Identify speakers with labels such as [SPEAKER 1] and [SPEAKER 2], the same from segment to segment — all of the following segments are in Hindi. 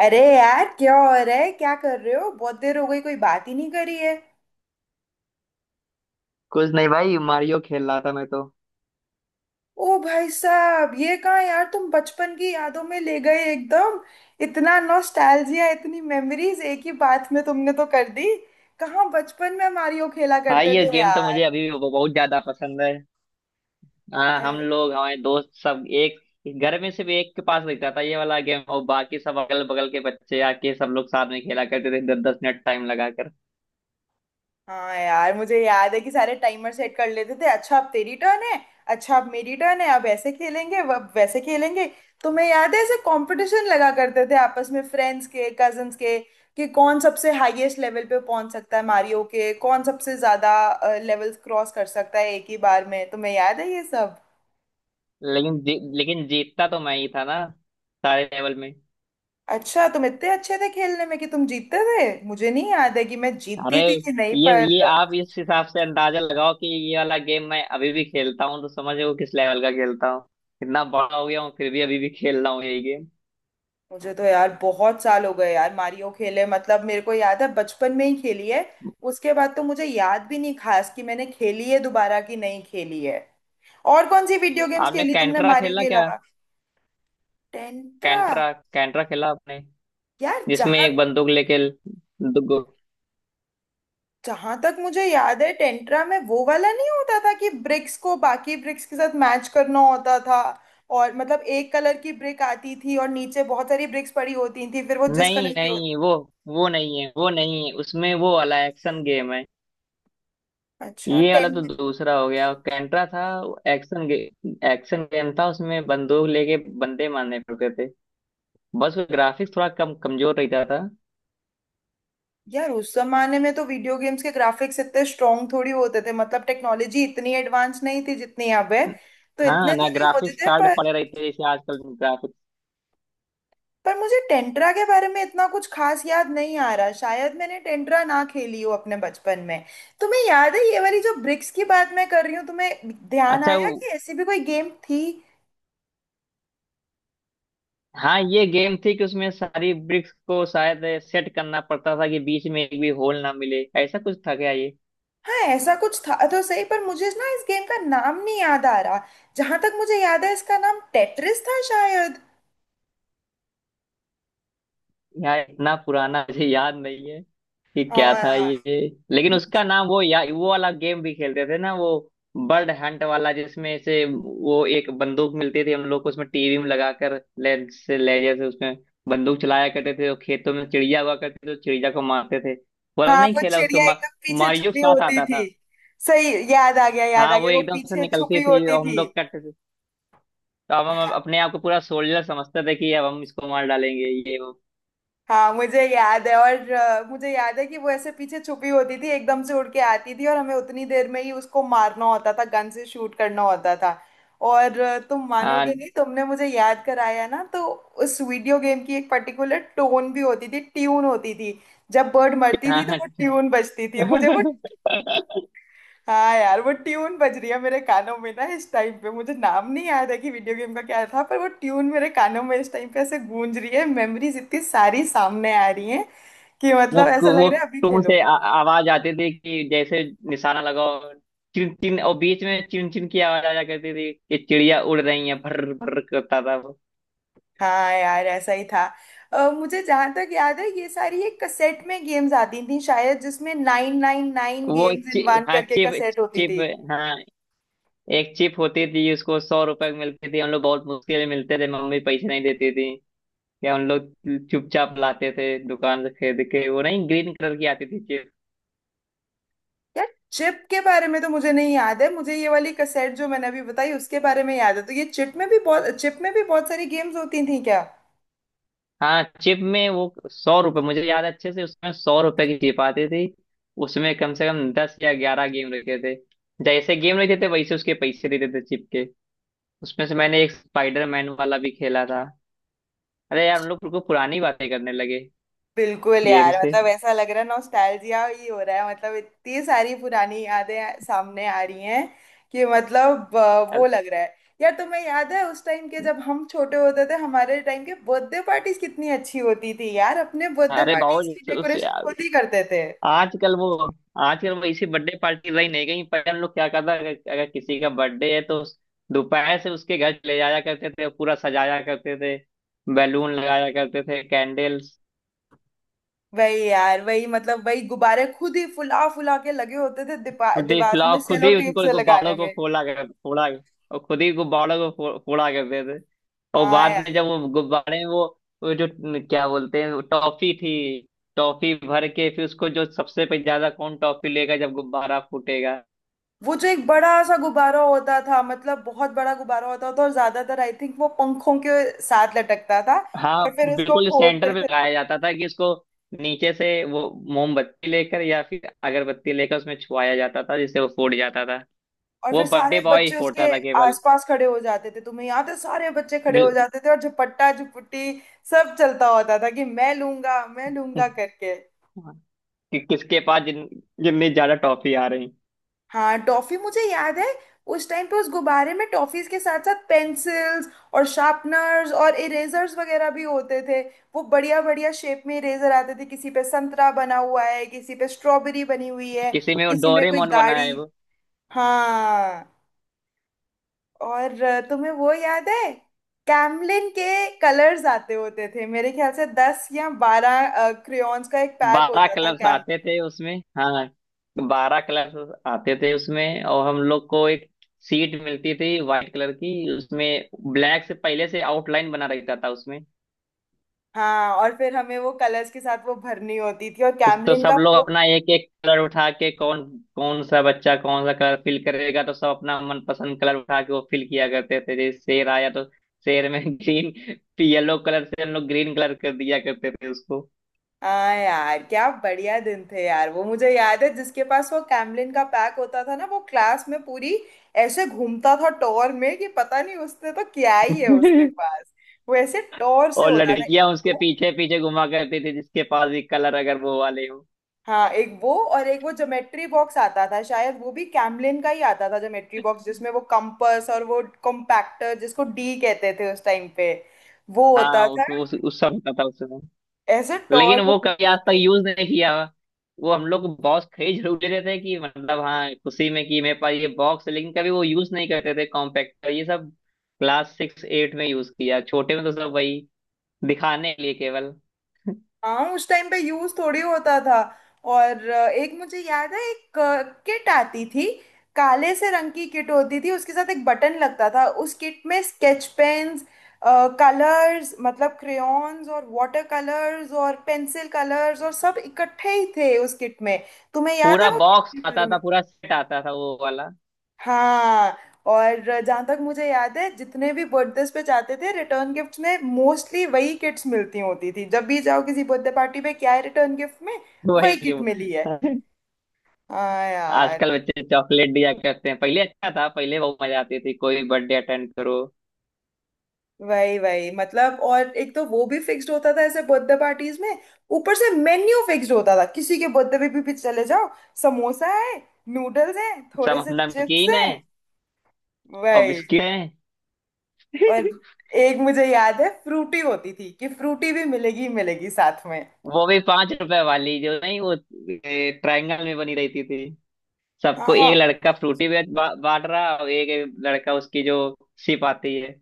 [SPEAKER 1] अरे यार, क्या हो रहा है? क्या कर रहे हो? बहुत देर हो गई, कोई बात ही नहीं करी है।
[SPEAKER 2] कुछ नहीं भाई, मारियो खेल रहा था मैं तो।
[SPEAKER 1] ओ भाई साहब, ये कहाँ यार, तुम बचपन की यादों में ले गए एकदम। इतना नॉस्टैल्जिया, इतनी मेमोरीज एक ही बात में तुमने तो कर दी। कहाँ बचपन में मारियो खेला
[SPEAKER 2] हाँ,
[SPEAKER 1] करते
[SPEAKER 2] ये
[SPEAKER 1] थे
[SPEAKER 2] गेम तो
[SPEAKER 1] यार।
[SPEAKER 2] मुझे अभी भी बहुत ज्यादा पसंद है। हाँ, हम लोग, हमारे दोस्त सब, एक घर में सिर्फ एक के पास रहता था ये वाला गेम, और बाकी सब अगल बगल के बच्चे आके सब लोग साथ में खेला करते थे, 10 10 मिनट टाइम लगाकर।
[SPEAKER 1] हाँ यार, मुझे याद है कि सारे टाइमर सेट कर लेते थे, अच्छा अब तेरी टर्न है। अच्छा अब मेरी टर्न है, अब ऐसे खेलेंगे, अब वैसे खेलेंगे। तुम्हें याद है? ऐसे कंपटीशन लगा करते थे आपस में, फ्रेंड्स के, कजन्स के कि कौन सबसे हाईएस्ट लेवल पे पहुंच सकता है मारियो के, कौन सबसे ज्यादा लेवल्स क्रॉस कर सकता है एक ही बार में। तुम्हें याद है ये सब?
[SPEAKER 2] लेकिन जीतता तो मैं ही था ना, सारे लेवल में।
[SPEAKER 1] अच्छा तुम इतने अच्छे थे खेलने में कि तुम जीतते थे। मुझे नहीं याद है कि मैं
[SPEAKER 2] अरे,
[SPEAKER 1] जीतती थी कि नहीं
[SPEAKER 2] ये
[SPEAKER 1] पर।
[SPEAKER 2] ये आप इस हिसाब से अंदाजा लगाओ कि ये वाला गेम मैं अभी भी खेलता हूँ, तो समझो किस लेवल का खेलता हूँ। इतना बड़ा हो गया हूँ, फिर भी अभी भी खेल रहा हूँ यही गेम।
[SPEAKER 1] मुझे तो यार बहुत साल हो गए यार मारियो खेले, मतलब मेरे को याद है बचपन में ही खेली है। उसके बाद तो मुझे याद भी नहीं खास कि मैंने खेली है दोबारा कि नहीं खेली है। और कौन सी वीडियो गेम्स
[SPEAKER 2] आपने
[SPEAKER 1] खेली तुमने
[SPEAKER 2] कैंट्रा
[SPEAKER 1] मारियो
[SPEAKER 2] खेला
[SPEAKER 1] के
[SPEAKER 2] क्या?
[SPEAKER 1] अलावा? टेंट्रा।
[SPEAKER 2] कैंट्रा कैंट्रा खेला आपने?
[SPEAKER 1] यार,
[SPEAKER 2] जिसमें
[SPEAKER 1] जहां
[SPEAKER 2] एक बंदूक लेके दु-
[SPEAKER 1] जहां तक मुझे याद है टेंट्रा में वो वाला नहीं होता था कि ब्रिक्स को बाकी ब्रिक्स के साथ मैच करना होता था? और मतलब एक कलर की ब्रिक आती थी और नीचे बहुत सारी ब्रिक्स पड़ी होती थी, फिर वो जिस
[SPEAKER 2] नहीं
[SPEAKER 1] कलर की होती।
[SPEAKER 2] नहीं, वो नहीं है, वो नहीं है, उसमें वो वाला एक्शन गेम है।
[SPEAKER 1] अच्छा।
[SPEAKER 2] ये वाला तो दूसरा हो गया, कैंट्रा था। एक्शन गे, एक्शन गेम था, उसमें बंदूक लेके बंदे मारने पड़ते थे। बस ग्राफिक्स थोड़ा कम, कमजोर रहता था।
[SPEAKER 1] यार उस जमाने में तो वीडियो गेम्स के ग्राफिक्स इतने स्ट्रॉन्ग थोड़ी होते थे, मतलब टेक्नोलॉजी इतनी एडवांस नहीं थी जितनी अब है। तो
[SPEAKER 2] हाँ
[SPEAKER 1] इतने तो
[SPEAKER 2] ना,
[SPEAKER 1] नहीं होते
[SPEAKER 2] ग्राफिक्स
[SPEAKER 1] थे
[SPEAKER 2] कार्ड
[SPEAKER 1] पर।
[SPEAKER 2] पड़े रहते हैं जैसे आजकल, ग्राफिक्स।
[SPEAKER 1] पर मुझे टेंट्रा के बारे में इतना कुछ खास याद नहीं आ रहा, शायद मैंने टेंट्रा ना खेली हो अपने बचपन में। तुम्हें याद है ये वाली जो ब्रिक्स की बात मैं कर रही हूँ? तुम्हें ध्यान
[SPEAKER 2] अच्छा
[SPEAKER 1] आया
[SPEAKER 2] वो,
[SPEAKER 1] कि ऐसी भी कोई गेम थी?
[SPEAKER 2] हाँ, ये गेम थी कि उसमें सारी ब्रिक्स को शायद सेट करना पड़ता था कि बीच में एक भी होल ना मिले, ऐसा कुछ था क्या ये?
[SPEAKER 1] हाँ, ऐसा कुछ था तो सही, पर मुझे ना इस गेम का नाम नहीं याद आ रहा। जहां तक मुझे याद है इसका नाम टेट्रिस था शायद।
[SPEAKER 2] यार इतना पुराना मुझे याद नहीं है कि क्या था
[SPEAKER 1] हाँ
[SPEAKER 2] ये। लेकिन उसका नाम वो, या वो वाला गेम भी खेलते थे ना, वो बर्ड हंट वाला, जिसमें से वो एक बंदूक मिलती थी हम लोग को, उसमें टीवी में लगाकर लेजर से उसमें बंदूक चलाया करते थे, और खेतों में चिड़िया हुआ करते थे, तो चिड़िया को मारते थे। वो वाला
[SPEAKER 1] हाँ,
[SPEAKER 2] नहीं
[SPEAKER 1] वो
[SPEAKER 2] खेला उसको?
[SPEAKER 1] चिड़िया एकदम पीछे
[SPEAKER 2] मारियो के
[SPEAKER 1] छुपी
[SPEAKER 2] साथ
[SPEAKER 1] होती
[SPEAKER 2] आता
[SPEAKER 1] थी।
[SPEAKER 2] था।
[SPEAKER 1] सही, याद आ गया, याद आ
[SPEAKER 2] हाँ, वो
[SPEAKER 1] गया, वो
[SPEAKER 2] एकदम से
[SPEAKER 1] पीछे
[SPEAKER 2] निकलती
[SPEAKER 1] छुपी
[SPEAKER 2] थी,
[SPEAKER 1] होती
[SPEAKER 2] और हम
[SPEAKER 1] थी।
[SPEAKER 2] लोग कट, तो अब हम अपने आप को पूरा सोल्जर समझते थे कि अब हम इसको मार डालेंगे, ये वो।
[SPEAKER 1] हाँ मुझे याद है, और मुझे याद है कि वो ऐसे पीछे छुपी होती थी, एकदम से उड़ के आती थी और हमें उतनी देर में ही उसको मारना होता था, गन से शूट करना होता था। और तुम मानोगे
[SPEAKER 2] हाँ
[SPEAKER 1] नहीं, तुमने मुझे याद कराया ना तो उस वीडियो गेम की एक पर्टिकुलर टोन भी होती थी, ट्यून होती थी। जब बर्ड मरती
[SPEAKER 2] हाँ
[SPEAKER 1] थी तो
[SPEAKER 2] हाँ।
[SPEAKER 1] वो ट्यून बजती थी, मुझे वो। हाँ यार वो ट्यून बज रही है मेरे कानों में ना, इस टाइम पे मुझे नाम नहीं याद है कि वीडियो गेम का क्या था, पर वो ट्यून मेरे कानों में इस टाइम पे ऐसे गूंज रही है, मेमोरीज इतनी सारी सामने आ रही हैं कि
[SPEAKER 2] वो
[SPEAKER 1] मतलब ऐसा लग
[SPEAKER 2] वो
[SPEAKER 1] रहा है अभी खेलो।
[SPEAKER 2] आवाज आती थी कि जैसे निशाना लगाओ। चिन चिन, और बीच में चिन चिन की आवाज आया करती थी कि चिड़िया उड़ रही है। भर भर करता था वो।
[SPEAKER 1] हाँ यार ऐसा ही था। मुझे जहाँ तक याद है ये सारी एक कसेट में गेम्स आती थी शायद, जिसमें 999 गेम्स इन वन
[SPEAKER 2] हाँ,
[SPEAKER 1] करके
[SPEAKER 2] चिप।
[SPEAKER 1] कसेट होती
[SPEAKER 2] चिप,
[SPEAKER 1] थी।
[SPEAKER 2] हाँ, एक चिप होती थी। उसको 100 रुपए की मिलती थी, हम लोग बहुत मुश्किल से, मिलते थे, मम्मी पैसे नहीं देती थी। या उन लोग चुपचाप लाते थे दुकान से खरीद के वो। नहीं, ग्रीन कलर की आती थी चिप।
[SPEAKER 1] यार चिप के बारे में तो मुझे नहीं याद है, मुझे ये वाली कसेट जो मैंने अभी बताई उसके बारे में याद है। तो ये चिप में भी बहुत सारी गेम्स होती थी क्या?
[SPEAKER 2] हाँ, चिप में वो 100 रुपए मुझे याद है अच्छे से, उसमें 100 रुपए की चिप आती थी। उसमें कम से कम 10 या 11 गेम रखे थे। जैसे गेम रहते थे वैसे उसके पैसे देते थे चिप के। उसमें से मैंने एक स्पाइडरमैन वाला भी खेला था। अरे यार, हम लोग बिल्कुल पुरानी बातें करने लगे,
[SPEAKER 1] बिल्कुल
[SPEAKER 2] गेम
[SPEAKER 1] यार,
[SPEAKER 2] से।
[SPEAKER 1] मतलब ऐसा लग रहा है नॉस्टैल्जिया ही हो रहा है, मतलब इतनी सारी पुरानी यादें सामने आ रही हैं कि मतलब वो लग रहा है। यार तुम्हें याद है उस टाइम के जब हम छोटे होते थे, हमारे टाइम के बर्थडे पार्टीज कितनी अच्छी होती थी यार, अपने बर्थडे
[SPEAKER 2] अरे,
[SPEAKER 1] पार्टीज की
[SPEAKER 2] बहुत उस
[SPEAKER 1] डेकोरेशन खुद ही करते थे।
[SPEAKER 2] आजकल वो, आजकल वो इसी बर्थडे पार्टी रही नहीं गई। पहले हम लोग क्या करता, अगर किसी का बर्थडे है तो दोपहर से उसके घर ले जाया करते थे, पूरा सजाया करते थे, बैलून लगाया करते थे, कैंडल्स।
[SPEAKER 1] वही यार वही, मतलब वही गुब्बारे खुद ही फुला फुला के लगे होते थे,
[SPEAKER 2] खुद ही
[SPEAKER 1] दीवारों
[SPEAKER 2] फुलाओ,
[SPEAKER 1] में
[SPEAKER 2] खुद
[SPEAKER 1] सेलो
[SPEAKER 2] ही
[SPEAKER 1] टेप
[SPEAKER 2] उनको,
[SPEAKER 1] से
[SPEAKER 2] गुब्बारों
[SPEAKER 1] लगाने
[SPEAKER 2] को
[SPEAKER 1] में।
[SPEAKER 2] फोड़ा कर फोड़ा, और खुद ही गुब्बारों को फोड़ा करते थे। और
[SPEAKER 1] हाँ
[SPEAKER 2] बाद में
[SPEAKER 1] यार।
[SPEAKER 2] जब वो गुब्बारे, वो जो क्या बोलते हैं, वो टॉफी थी। टॉफी भर के फिर उसको, जो सबसे पे ज्यादा कौन टॉफी लेगा जब गुब्बारा फूटेगा।
[SPEAKER 1] वो जो एक बड़ा सा गुब्बारा होता था, मतलब बहुत बड़ा गुब्बारा होता था, और ज्यादातर आई थिंक वो पंखों के साथ लटकता था। और
[SPEAKER 2] हाँ
[SPEAKER 1] फिर उसको
[SPEAKER 2] बिल्कुल,
[SPEAKER 1] फोड़ते
[SPEAKER 2] सेंटर पे
[SPEAKER 1] थे लोग।
[SPEAKER 2] लगाया जाता था कि इसको नीचे से वो मोमबत्ती लेकर या फिर अगरबत्ती लेकर उसमें छुआया जाता था, जिससे वो फूट जाता था।
[SPEAKER 1] और
[SPEAKER 2] वो
[SPEAKER 1] फिर
[SPEAKER 2] बर्थडे
[SPEAKER 1] सारे
[SPEAKER 2] बॉय ही
[SPEAKER 1] बच्चे
[SPEAKER 2] फोड़ता
[SPEAKER 1] उसके
[SPEAKER 2] था केवल।
[SPEAKER 1] आसपास खड़े हो जाते थे, तुम्हें याद है? सारे बच्चे खड़े हो
[SPEAKER 2] बिल
[SPEAKER 1] जाते थे और झपट्टा झुपट्टी सब चलता होता था कि मैं लूंगा करके।
[SPEAKER 2] कि किसके पास जिन जितनी ज्यादा टॉफी आ रही।
[SPEAKER 1] हाँ टॉफी मुझे याद है। उस टाइम पे उस गुब्बारे में टॉफीज के साथ साथ पेंसिल्स और शार्पनर्स और इरेजर्स वगैरह भी होते थे। वो बढ़िया बढ़िया शेप में इरेजर आते थे, किसी पे संतरा बना हुआ है, किसी पे स्ट्रॉबेरी बनी हुई है,
[SPEAKER 2] किसी में वो
[SPEAKER 1] किसी में कोई
[SPEAKER 2] डोरेमोन बनाए
[SPEAKER 1] गाड़ी।
[SPEAKER 2] वो।
[SPEAKER 1] हाँ। और तुम्हें वो याद है कैमलिन के कलर्स आते होते थे? मेरे ख्याल से 10 या 12 क्रेयॉन्स का एक पैक
[SPEAKER 2] बारह
[SPEAKER 1] होता था।
[SPEAKER 2] कलर्स
[SPEAKER 1] कैम
[SPEAKER 2] आते थे उसमें, हाँ। 12 कलर्स आते थे उसमें, और हम लोग को एक सीट मिलती थी वाइट कलर की, उसमें ब्लैक से पहले से आउटलाइन बना रहता था उसमें।
[SPEAKER 1] हाँ और फिर हमें वो कलर्स के साथ वो भरनी होती थी और
[SPEAKER 2] तो
[SPEAKER 1] कैमलिन
[SPEAKER 2] सब
[SPEAKER 1] का
[SPEAKER 2] लोग
[SPEAKER 1] वो।
[SPEAKER 2] अपना एक एक कलर उठा के, कौन कौन सा बच्चा कौन सा कलर फिल करेगा, तो सब अपना मनपसंद कलर उठा के वो फिल किया करते थे। जैसे शेर आया तो शेर में ग्रीन येलो कलर से हम लोग ग्रीन कलर कर दिया करते थे उसको।
[SPEAKER 1] हाँ यार, क्या बढ़िया दिन थे यार, वो मुझे याद है जिसके पास वो कैमलिन का पैक होता था ना वो क्लास में पूरी ऐसे घूमता था टॉर में कि पता नहीं उसने तो क्या ही है उसके पास। वो ऐसे टॉर से
[SPEAKER 2] और
[SPEAKER 1] होता था एक
[SPEAKER 2] लड़कियां उसके
[SPEAKER 1] वो।
[SPEAKER 2] पीछे पीछे घुमा करती थी, जिसके पास भी कलर अगर वो वाले हो।
[SPEAKER 1] हाँ एक वो और एक वो ज्योमेट्री बॉक्स आता था शायद, वो भी कैमलिन का ही आता था, ज्योमेट्री बॉक्स जिसमें वो कंपास और वो कॉम्पैक्टर जिसको डी कहते थे उस टाइम पे। वो होता
[SPEAKER 2] हाँ,
[SPEAKER 1] था,
[SPEAKER 2] उस सब पता था उसमें।
[SPEAKER 1] ऐसे
[SPEAKER 2] लेकिन
[SPEAKER 1] टॉर में
[SPEAKER 2] वो कभी
[SPEAKER 1] घूमते
[SPEAKER 2] आज तक
[SPEAKER 1] थे।
[SPEAKER 2] यूज नहीं किया हुआ। वो हम लोग बॉस खरीद जरूर लेते थे, कि मतलब हाँ, खुशी में, कि मेरे पास ये बॉक्स है, लेकिन कभी वो यूज नहीं करते थे, कॉम्पैक्टर ये सब। क्लास 6 8 में यूज किया, छोटे में तो सब वही दिखाने के लिए केवल।
[SPEAKER 1] हाँ उस टाइम पे यूज थोड़ी होता था। और एक मुझे याद है एक किट आती थी, काले से रंग की किट होती थी, उसके साथ एक बटन लगता था, उस किट में स्केच पेन्स, कलर्स मतलब क्रेयॉन्स और वाटर कलर्स और पेंसिल कलर्स और सब इकट्ठे ही थे उस किट में। तुम्हें याद है
[SPEAKER 2] पूरा
[SPEAKER 1] वो किट
[SPEAKER 2] बॉक्स
[SPEAKER 1] के बारे
[SPEAKER 2] आता
[SPEAKER 1] में?
[SPEAKER 2] था, पूरा सेट आता था वो वाला।
[SPEAKER 1] हाँ और जहाँ तक मुझे याद है जितने भी बर्थडेज पे जाते थे रिटर्न गिफ्ट में मोस्टली वही किट्स मिलती होती थी, जब भी जाओ किसी बर्थडे पार्टी पे क्या है रिटर्न गिफ्ट में,
[SPEAKER 2] वही
[SPEAKER 1] वही किट मिली है।
[SPEAKER 2] कि-
[SPEAKER 1] हाँ यार
[SPEAKER 2] आजकल बच्चे चॉकलेट दिया करते हैं, पहले अच्छा था, पहले बहुत मजा आती थी कोई बर्थडे अटेंड करो।
[SPEAKER 1] वही वही, मतलब और एक तो वो भी फिक्स्ड होता था ऐसे बर्थडे पार्टीज में। ऊपर से मेन्यू फिक्स्ड होता था किसी के बर्थडे पे भी चले जाओ। समोसा है, नूडल्स हैं, थोड़े
[SPEAKER 2] सब
[SPEAKER 1] से चिप्स
[SPEAKER 2] नमकीन है,
[SPEAKER 1] हैं।
[SPEAKER 2] और
[SPEAKER 1] वही।
[SPEAKER 2] बिस्किट है।
[SPEAKER 1] और एक मुझे याद है फ्रूटी होती थी कि फ्रूटी भी मिलेगी मिलेगी साथ में।
[SPEAKER 2] वो भी 5 रुपए वाली जो, नहीं वो ट्रायंगल में बनी रहती थी।
[SPEAKER 1] हाँ
[SPEAKER 2] सबको एक
[SPEAKER 1] हाँ,
[SPEAKER 2] लड़का फ्रूटी बांट रहा, और एक लड़का उसकी जो सिप आती है।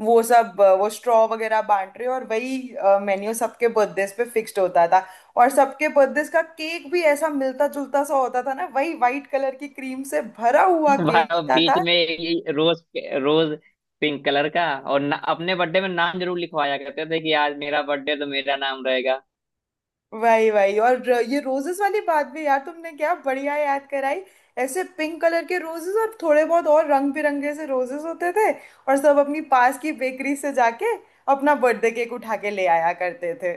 [SPEAKER 1] वो सब वो स्ट्रॉ वगैरह बांट रहे हो, और वही मेन्यू सबके बर्थडेज पे फिक्स्ड होता था। और सबके बर्थडेज का केक भी ऐसा मिलता जुलता सा होता था ना, वही वाइट कलर की क्रीम से भरा हुआ
[SPEAKER 2] भाई,
[SPEAKER 1] केक
[SPEAKER 2] वो
[SPEAKER 1] होता
[SPEAKER 2] बीच
[SPEAKER 1] था।
[SPEAKER 2] में ये रोज रोज पिंक कलर का, और अपने बर्थडे में नाम जरूर लिखवाया करते थे कि आज मेरा बर्थडे, तो मेरा नाम रहेगा।
[SPEAKER 1] वही वही, और ये रोजेस वाली बात भी यार तुमने क्या बढ़िया याद कराई। ऐसे पिंक कलर के रोजेस और थोड़े बहुत और रंग बिरंगे से रोजेस होते थे। और सब अपनी पास की बेकरी से जाके अपना बर्थडे केक उठा के ले आया करते थे।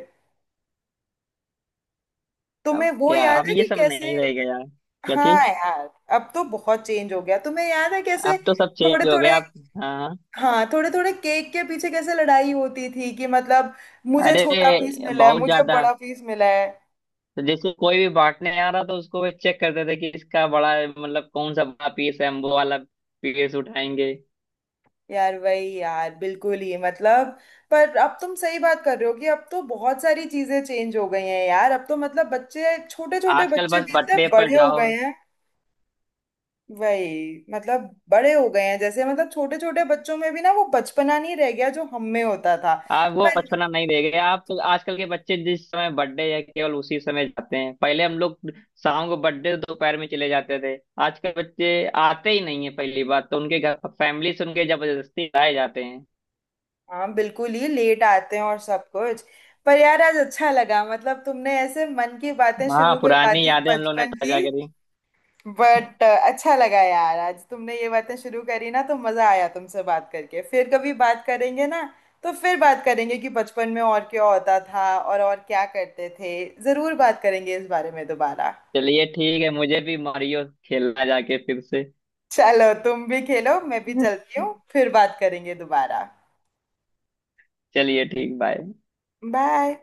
[SPEAKER 2] अब
[SPEAKER 1] तुम्हें वो
[SPEAKER 2] क्या,
[SPEAKER 1] याद
[SPEAKER 2] अब
[SPEAKER 1] है
[SPEAKER 2] ये
[SPEAKER 1] कि
[SPEAKER 2] सब
[SPEAKER 1] कैसे?
[SPEAKER 2] नहीं रहेगा यार। क्या चीज,
[SPEAKER 1] हाँ यार, अब तो बहुत चेंज हो गया, तुम्हें याद है कैसे?
[SPEAKER 2] अब तो सब
[SPEAKER 1] थोड़े
[SPEAKER 2] चेंज हो गया
[SPEAKER 1] थोड़े,
[SPEAKER 2] अब। हाँ।
[SPEAKER 1] हाँ थोड़े थोड़े केक के पीछे कैसे लड़ाई होती थी कि मतलब मुझे
[SPEAKER 2] अरे,
[SPEAKER 1] छोटा पीस मिला है,
[SPEAKER 2] बहुत
[SPEAKER 1] मुझे
[SPEAKER 2] ज्यादा।
[SPEAKER 1] बड़ा पीस मिला है।
[SPEAKER 2] तो जैसे कोई भी बांटने आ रहा था उसको, वे चेक करते थे कि इसका बड़ा, मतलब कौन सा बड़ा पीस है, हम वो वाला पीस उठाएंगे।
[SPEAKER 1] यार वही यार, बिल्कुल ही मतलब। पर अब तुम सही बात कर रहे हो कि अब तो बहुत सारी चीजें चेंज हो गई हैं यार, अब तो मतलब बच्चे, छोटे छोटे
[SPEAKER 2] आजकल
[SPEAKER 1] बच्चे
[SPEAKER 2] बस
[SPEAKER 1] भी इतने
[SPEAKER 2] बर्थडे पर
[SPEAKER 1] बड़े हो
[SPEAKER 2] जाओ।
[SPEAKER 1] गए हैं। वही मतलब बड़े हो गए हैं, जैसे मतलब छोटे छोटे बच्चों में भी ना वो बचपना नहीं रह गया जो हम में होता था।
[SPEAKER 2] आप वो
[SPEAKER 1] पर।
[SPEAKER 2] बचपना नहीं रह गया, आप आजकल के बच्चे जिस समय बर्थडे है केवल उसी समय जाते हैं। पहले हम लोग शाम को बर्थडे, दोपहर में चले जाते थे। आजकल बच्चे आते ही नहीं है पहली बात तो, उनके घर फैमिली से उनके जबरदस्ती लाए जाते हैं।
[SPEAKER 1] हाँ बिल्कुल, ये लेट आते हैं और सब कुछ। पर यार आज अच्छा लगा, मतलब तुमने ऐसे मन की बातें
[SPEAKER 2] हाँ,
[SPEAKER 1] शुरू करवा
[SPEAKER 2] पुरानी
[SPEAKER 1] दी
[SPEAKER 2] यादें हम लोग ने
[SPEAKER 1] बचपन की।
[SPEAKER 2] ताजा करी।
[SPEAKER 1] बट अच्छा लगा यार, आज तुमने ये बातें शुरू करी ना तो मजा आया तुमसे बात करके, फिर कभी बात करेंगे ना? तो फिर बात करेंगे कि बचपन में और क्या होता था और क्या करते थे। जरूर बात करेंगे इस बारे में दोबारा।
[SPEAKER 2] चलिए ठीक है, मुझे भी मारियो खेलना जाके फिर से।
[SPEAKER 1] चलो तुम भी खेलो, मैं भी चलती हूँ, फिर बात करेंगे दोबारा।
[SPEAKER 2] चलिए ठीक, बाय।
[SPEAKER 1] बाय।